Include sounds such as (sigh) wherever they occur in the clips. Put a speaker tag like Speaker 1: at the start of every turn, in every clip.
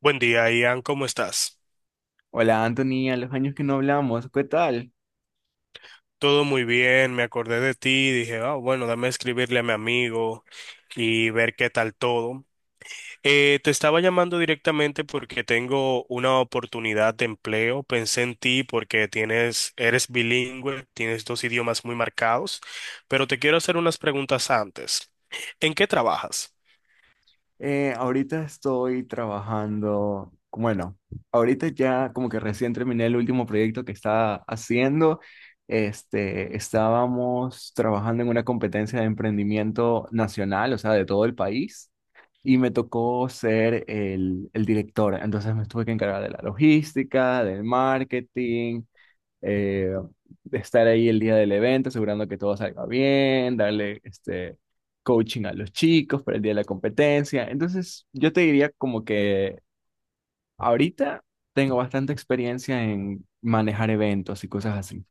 Speaker 1: Buen día, Ian, ¿cómo estás?
Speaker 2: Hola Anthony, a los años que no hablamos, ¿qué tal?
Speaker 1: Todo muy bien, me acordé de ti, dije, ah, bueno, dame escribirle a mi amigo y ver qué tal todo. Te estaba llamando directamente porque tengo una oportunidad de empleo. Pensé en ti porque eres bilingüe, tienes dos idiomas muy marcados, pero te quiero hacer unas preguntas antes. ¿En qué trabajas?
Speaker 2: Ahorita estoy trabajando, bueno, ahorita ya como que recién terminé el último proyecto que estaba haciendo. Estábamos trabajando en una competencia de emprendimiento nacional, o sea, de todo el país, y me tocó ser el director. Entonces me tuve que encargar de la logística, del marketing, eh, estar ahí el día del evento, asegurando que todo salga bien, darle este coaching a los chicos para el día de la competencia. Entonces, yo te diría como que ahorita tengo bastante experiencia en manejar eventos y cosas así.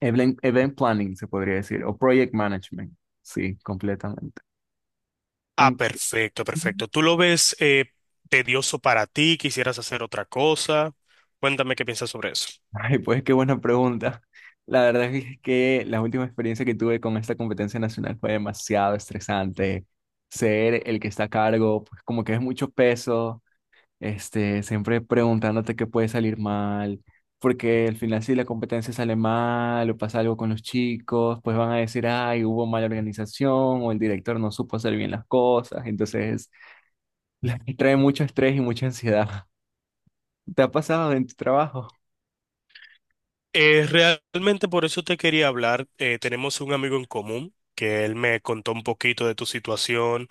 Speaker 2: Event planning se podría decir, o project management, sí, completamente.
Speaker 1: Ah,
Speaker 2: Aun-
Speaker 1: perfecto, perfecto. ¿Tú lo ves tedioso para ti? ¿Quisieras hacer otra cosa? Cuéntame qué piensas sobre eso.
Speaker 2: Ay, pues qué buena pregunta. La verdad es que la última experiencia que tuve con esta competencia nacional fue demasiado estresante. Ser el que está a cargo, pues como que es mucho peso, siempre preguntándote qué puede salir mal, porque al final si la competencia sale mal o pasa algo con los chicos, pues van a decir, ay, hubo mala organización o el director no supo hacer bien las cosas. Entonces, (laughs) trae mucho estrés y mucha ansiedad. ¿Te ha pasado en tu trabajo?
Speaker 1: Eh, Realmente por eso te quería hablar. Tenemos un amigo en común que él me contó un poquito de tu situación.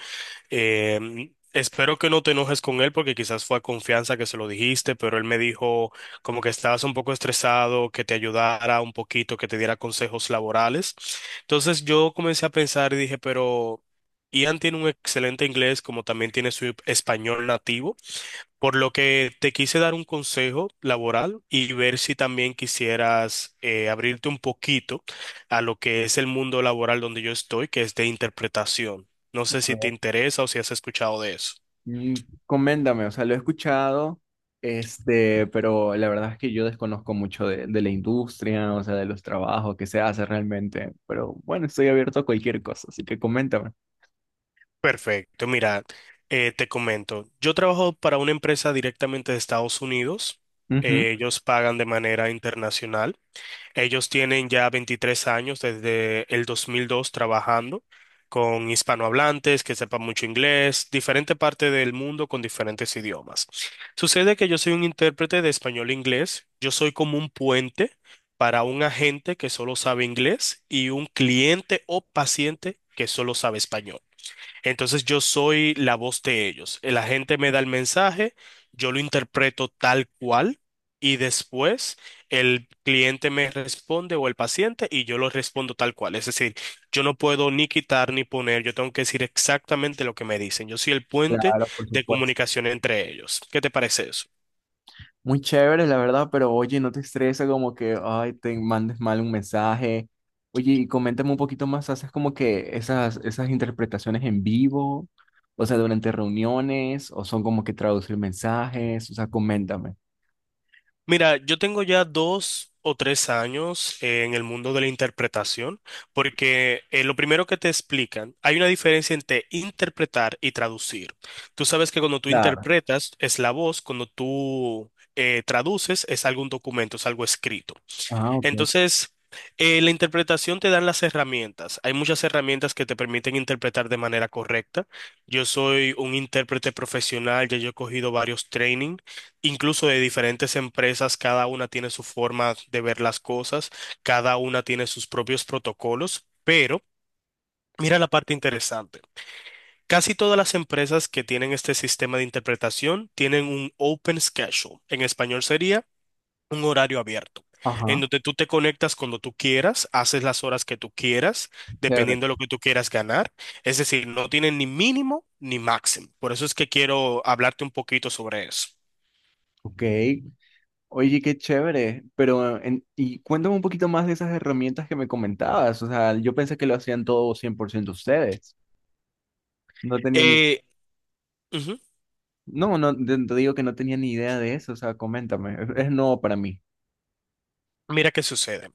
Speaker 1: Espero que no te enojes con él porque quizás fue a confianza que se lo dijiste, pero él me dijo como que estabas un poco estresado, que te ayudara un poquito, que te diera consejos laborales. Entonces yo comencé a pensar y dije, pero Ian tiene un excelente inglés como también tiene su español nativo. Por lo que te quise dar un consejo laboral y ver si también quisieras abrirte un poquito a lo que es el mundo laboral donde yo estoy, que es de interpretación. No sé si te interesa o si has escuchado de eso.
Speaker 2: Mm. Coméntame, o sea, lo he escuchado, pero la verdad es que yo desconozco mucho de la industria, o sea, de los trabajos que se hace realmente, pero bueno, estoy abierto a cualquier cosa, así que coméntame.
Speaker 1: Perfecto, mira, te comento. Yo trabajo para una empresa directamente de Estados Unidos.
Speaker 2: Ujú.
Speaker 1: Ellos pagan de manera internacional. Ellos tienen ya 23 años desde el 2002 trabajando con hispanohablantes que sepan mucho inglés, diferente parte del mundo con diferentes idiomas. Sucede que yo soy un intérprete de español-inglés, yo soy como un puente para un agente que solo sabe inglés y un cliente o paciente que solo sabe español. Entonces yo soy la voz de ellos. El agente me da el mensaje, yo lo interpreto tal cual y después el cliente me responde o el paciente y yo lo respondo tal cual. Es decir, yo no puedo ni quitar ni poner, yo tengo que decir exactamente lo que me dicen. Yo soy el puente
Speaker 2: Claro, por
Speaker 1: de
Speaker 2: supuesto.
Speaker 1: comunicación entre ellos. ¿Qué te parece eso?
Speaker 2: Muy chévere, la verdad, pero oye, no te estresa como que, ay, te mandes mal un mensaje. Oye, y coméntame un poquito más, ¿haces como que esas interpretaciones en vivo? O sea, durante reuniones, o son como que traducir mensajes, o sea, coméntame.
Speaker 1: Mira, yo tengo ya 2 o 3 años en el mundo de la interpretación, porque lo primero que te explican, hay una diferencia entre interpretar y traducir. Tú sabes que cuando tú interpretas es la voz, cuando tú traduces es algún documento, es algo escrito.
Speaker 2: Ah, ok.
Speaker 1: Entonces, la interpretación te dan las herramientas. Hay muchas herramientas que te permiten interpretar de manera correcta. Yo soy un intérprete profesional, ya yo he cogido varios training, incluso de diferentes empresas, cada una tiene su forma de ver las cosas, cada una tiene sus propios protocolos, pero mira la parte interesante. Casi todas las empresas que tienen este sistema de interpretación tienen un open schedule. En español sería un horario abierto, en
Speaker 2: Ajá.
Speaker 1: donde tú te conectas cuando tú quieras, haces las horas que tú quieras,
Speaker 2: Chévere.
Speaker 1: dependiendo de lo que tú quieras ganar. Es decir, no tienen ni mínimo ni máximo. Por eso es que quiero hablarte un poquito sobre eso.
Speaker 2: Ok. Oye, qué chévere. Pero, y cuéntame un poquito más de esas herramientas que me comentabas. O sea, yo pensé que lo hacían todo 100% ustedes. No tenía ni...
Speaker 1: Eh, Ujú.
Speaker 2: No, no, te digo que no tenía ni idea de eso. O sea, coméntame. Es nuevo para mí.
Speaker 1: Mira qué sucede.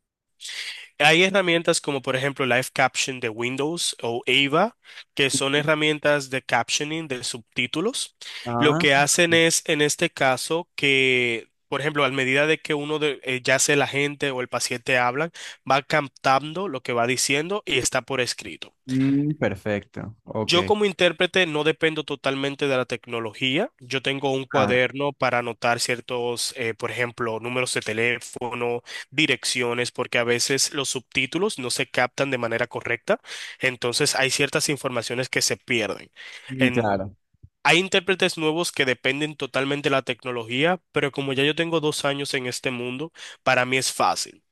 Speaker 1: Hay herramientas como por ejemplo Live Caption de Windows o AVA, que son herramientas de captioning de subtítulos. Lo
Speaker 2: Ah,
Speaker 1: que hacen es, en este caso, que, por ejemplo, a medida de que uno de, ya sea la gente o el paciente hablan, va captando lo que va diciendo y está por escrito.
Speaker 2: mm, perfecto. Ok.
Speaker 1: Yo como intérprete no dependo totalmente de la tecnología. Yo tengo un
Speaker 2: Claro.
Speaker 1: cuaderno para anotar ciertos, por ejemplo, números de teléfono, direcciones, porque a veces los subtítulos no se captan de manera correcta. Entonces hay ciertas informaciones que se pierden.
Speaker 2: Mm.
Speaker 1: En-
Speaker 2: Claro,
Speaker 1: Hay intérpretes nuevos que dependen totalmente de la tecnología, pero como ya yo tengo 2 años en este mundo, para mí es fácil.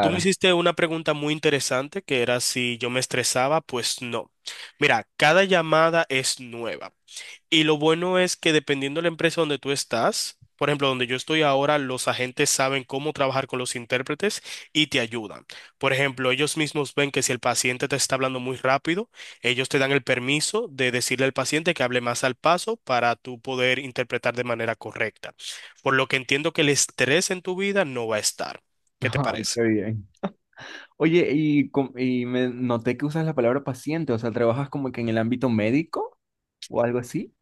Speaker 1: Tú me hiciste una pregunta muy interesante que era si yo me estresaba, pues no. Mira, cada llamada es nueva y lo bueno es que dependiendo de la empresa donde tú estás, por ejemplo, donde yo estoy ahora, los agentes saben cómo trabajar con los intérpretes y te ayudan. Por ejemplo, ellos mismos ven que si el paciente te está hablando muy rápido, ellos te dan el permiso de decirle al paciente que hable más al paso para tú poder interpretar de manera correcta. Por lo que entiendo que el estrés en tu vida no va a estar.
Speaker 2: (laughs)
Speaker 1: ¿Qué te
Speaker 2: Ay,
Speaker 1: parece?
Speaker 2: qué bien. Oye, y me noté que usas la palabra paciente. O sea, ¿trabajas como que en el ámbito médico o algo así?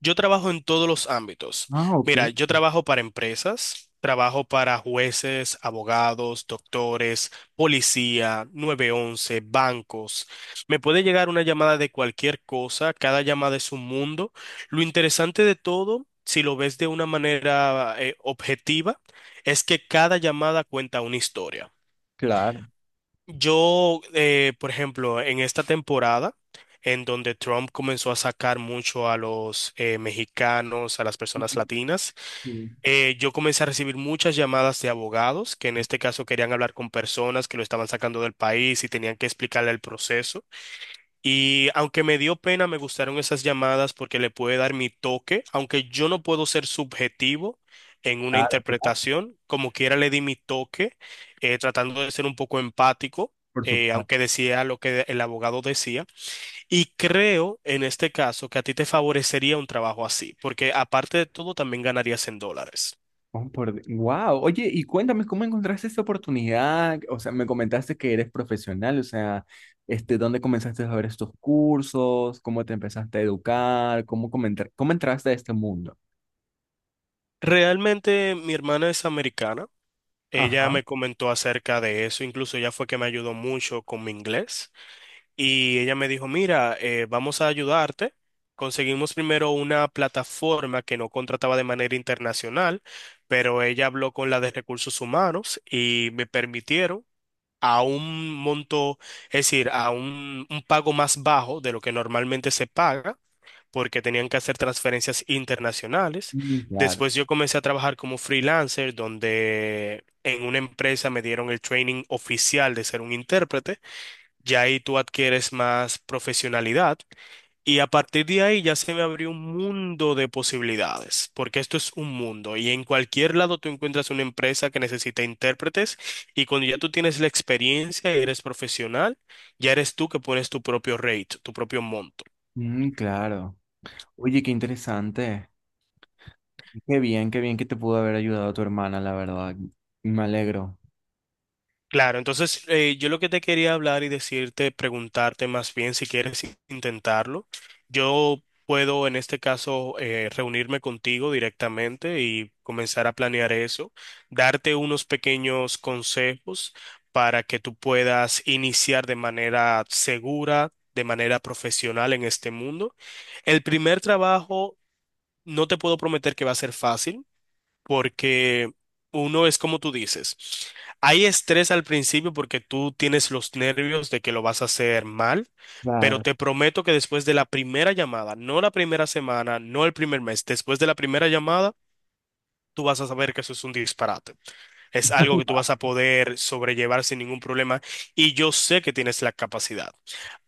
Speaker 1: Yo trabajo en todos los ámbitos.
Speaker 2: Ah, ok.
Speaker 1: Mira, yo trabajo para empresas, trabajo para jueces, abogados, doctores, policía, 911, bancos. Me puede llegar una llamada de cualquier cosa, cada llamada es un mundo. Lo interesante de todo, si lo ves de una manera objetiva, es que cada llamada cuenta una historia.
Speaker 2: Claro.
Speaker 1: Por ejemplo, en esta temporada, en donde Trump comenzó a sacar mucho a los mexicanos, a las personas
Speaker 2: Mm.
Speaker 1: latinas, yo comencé a recibir muchas llamadas de abogados que en este caso querían hablar con personas que lo estaban sacando del país y tenían que explicarle el proceso. Y aunque me dio pena, me gustaron esas llamadas porque le puede dar mi toque, aunque yo no puedo ser subjetivo en una
Speaker 2: Claro, claro,
Speaker 1: interpretación, como quiera le di mi toque, tratando de ser un poco empático,
Speaker 2: por supuesto.
Speaker 1: aunque decía lo que el abogado decía. Y creo en este caso que a ti te favorecería un trabajo así, porque aparte de todo también ganarías en dólares.
Speaker 2: Wow. Oye, y cuéntame cómo encontraste esta oportunidad. O sea, me comentaste que eres profesional. O sea, ¿dónde comenzaste a ver estos cursos? ¿Cómo te empezaste a educar? ¿Cómo entraste a este mundo?
Speaker 1: Realmente mi hermana es americana. Ella
Speaker 2: Ajá.
Speaker 1: me comentó acerca de eso, incluso ella fue que me ayudó mucho con mi inglés. Y ella me dijo, mira, vamos a ayudarte. Conseguimos primero una plataforma que no contrataba de manera internacional, pero ella habló con la de recursos humanos y me permitieron a un monto, es decir, a un pago más bajo de lo que normalmente se paga, porque tenían que hacer transferencias internacionales.
Speaker 2: Mm, claro.
Speaker 1: Después yo comencé a trabajar como freelancer, donde en una empresa me dieron el training oficial de ser un intérprete, ya ahí tú adquieres más profesionalidad y a partir de ahí ya se me abrió un mundo de posibilidades, porque esto es un mundo y en cualquier lado tú encuentras una empresa que necesita intérpretes y cuando ya tú tienes la experiencia y eres profesional, ya eres tú que pones tu propio rate, tu propio monto.
Speaker 2: Mm, claro. Oye, qué interesante. Qué bien que te pudo haber ayudado tu hermana, la verdad. Me alegro.
Speaker 1: Claro, entonces yo lo que te quería hablar y decirte, preguntarte más bien si quieres intentarlo. Yo puedo en este caso reunirme contigo directamente y comenzar a planear eso, darte unos pequeños consejos para que tú puedas iniciar de manera segura, de manera profesional en este mundo. El primer trabajo no te puedo prometer que va a ser fácil porque uno es como tú dices, hay estrés al principio porque tú tienes los nervios de que lo vas a hacer mal, pero
Speaker 2: Claro.
Speaker 1: te prometo que después de la primera llamada, no la primera semana, no el primer mes, después de la primera llamada, tú vas a saber que eso es un disparate. Es algo que tú vas a poder sobrellevar sin ningún problema y yo sé que tienes la capacidad.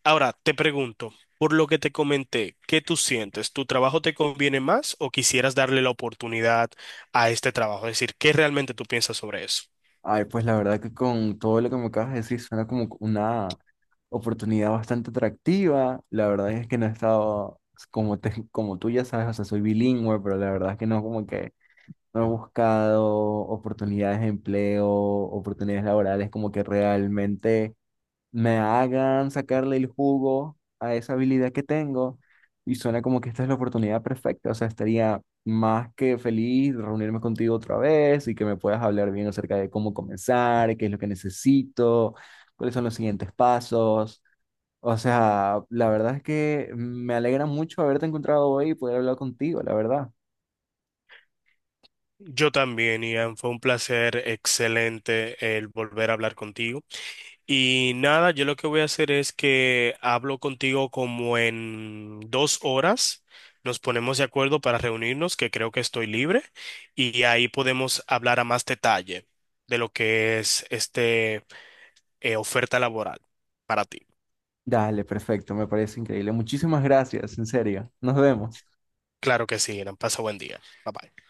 Speaker 1: Ahora te pregunto, por lo que te comenté, ¿qué tú sientes? ¿Tu trabajo te conviene más o quisieras darle la oportunidad a este trabajo? Es decir, ¿qué realmente tú piensas sobre eso?
Speaker 2: Ay, pues la verdad que con todo lo que me acabas de decir suena como una oportunidad bastante atractiva. La verdad es que no he estado, como, como tú ya sabes, o sea, soy bilingüe, pero la verdad es que no, como que no he buscado oportunidades de empleo, oportunidades laborales, como que realmente me hagan sacarle el jugo a esa habilidad que tengo. Y suena como que esta es la oportunidad perfecta, o sea, estaría más que feliz de reunirme contigo otra vez y que me puedas hablar bien acerca de cómo comenzar, qué es lo que necesito, cuáles son los siguientes pasos. O sea, la verdad es que me alegra mucho haberte encontrado hoy y poder hablar contigo, la verdad.
Speaker 1: Yo también, Ian, fue un placer excelente el volver a hablar contigo. Y nada, yo lo que voy a hacer es que hablo contigo como en 2 horas. Nos ponemos de acuerdo para reunirnos, que creo que estoy libre, y ahí podemos hablar a más detalle de lo que es este oferta laboral para ti.
Speaker 2: Dale, perfecto, me parece increíble. Muchísimas gracias, en serio. Nos vemos.
Speaker 1: Claro que sí, Irán. Pasa buen día. Bye bye.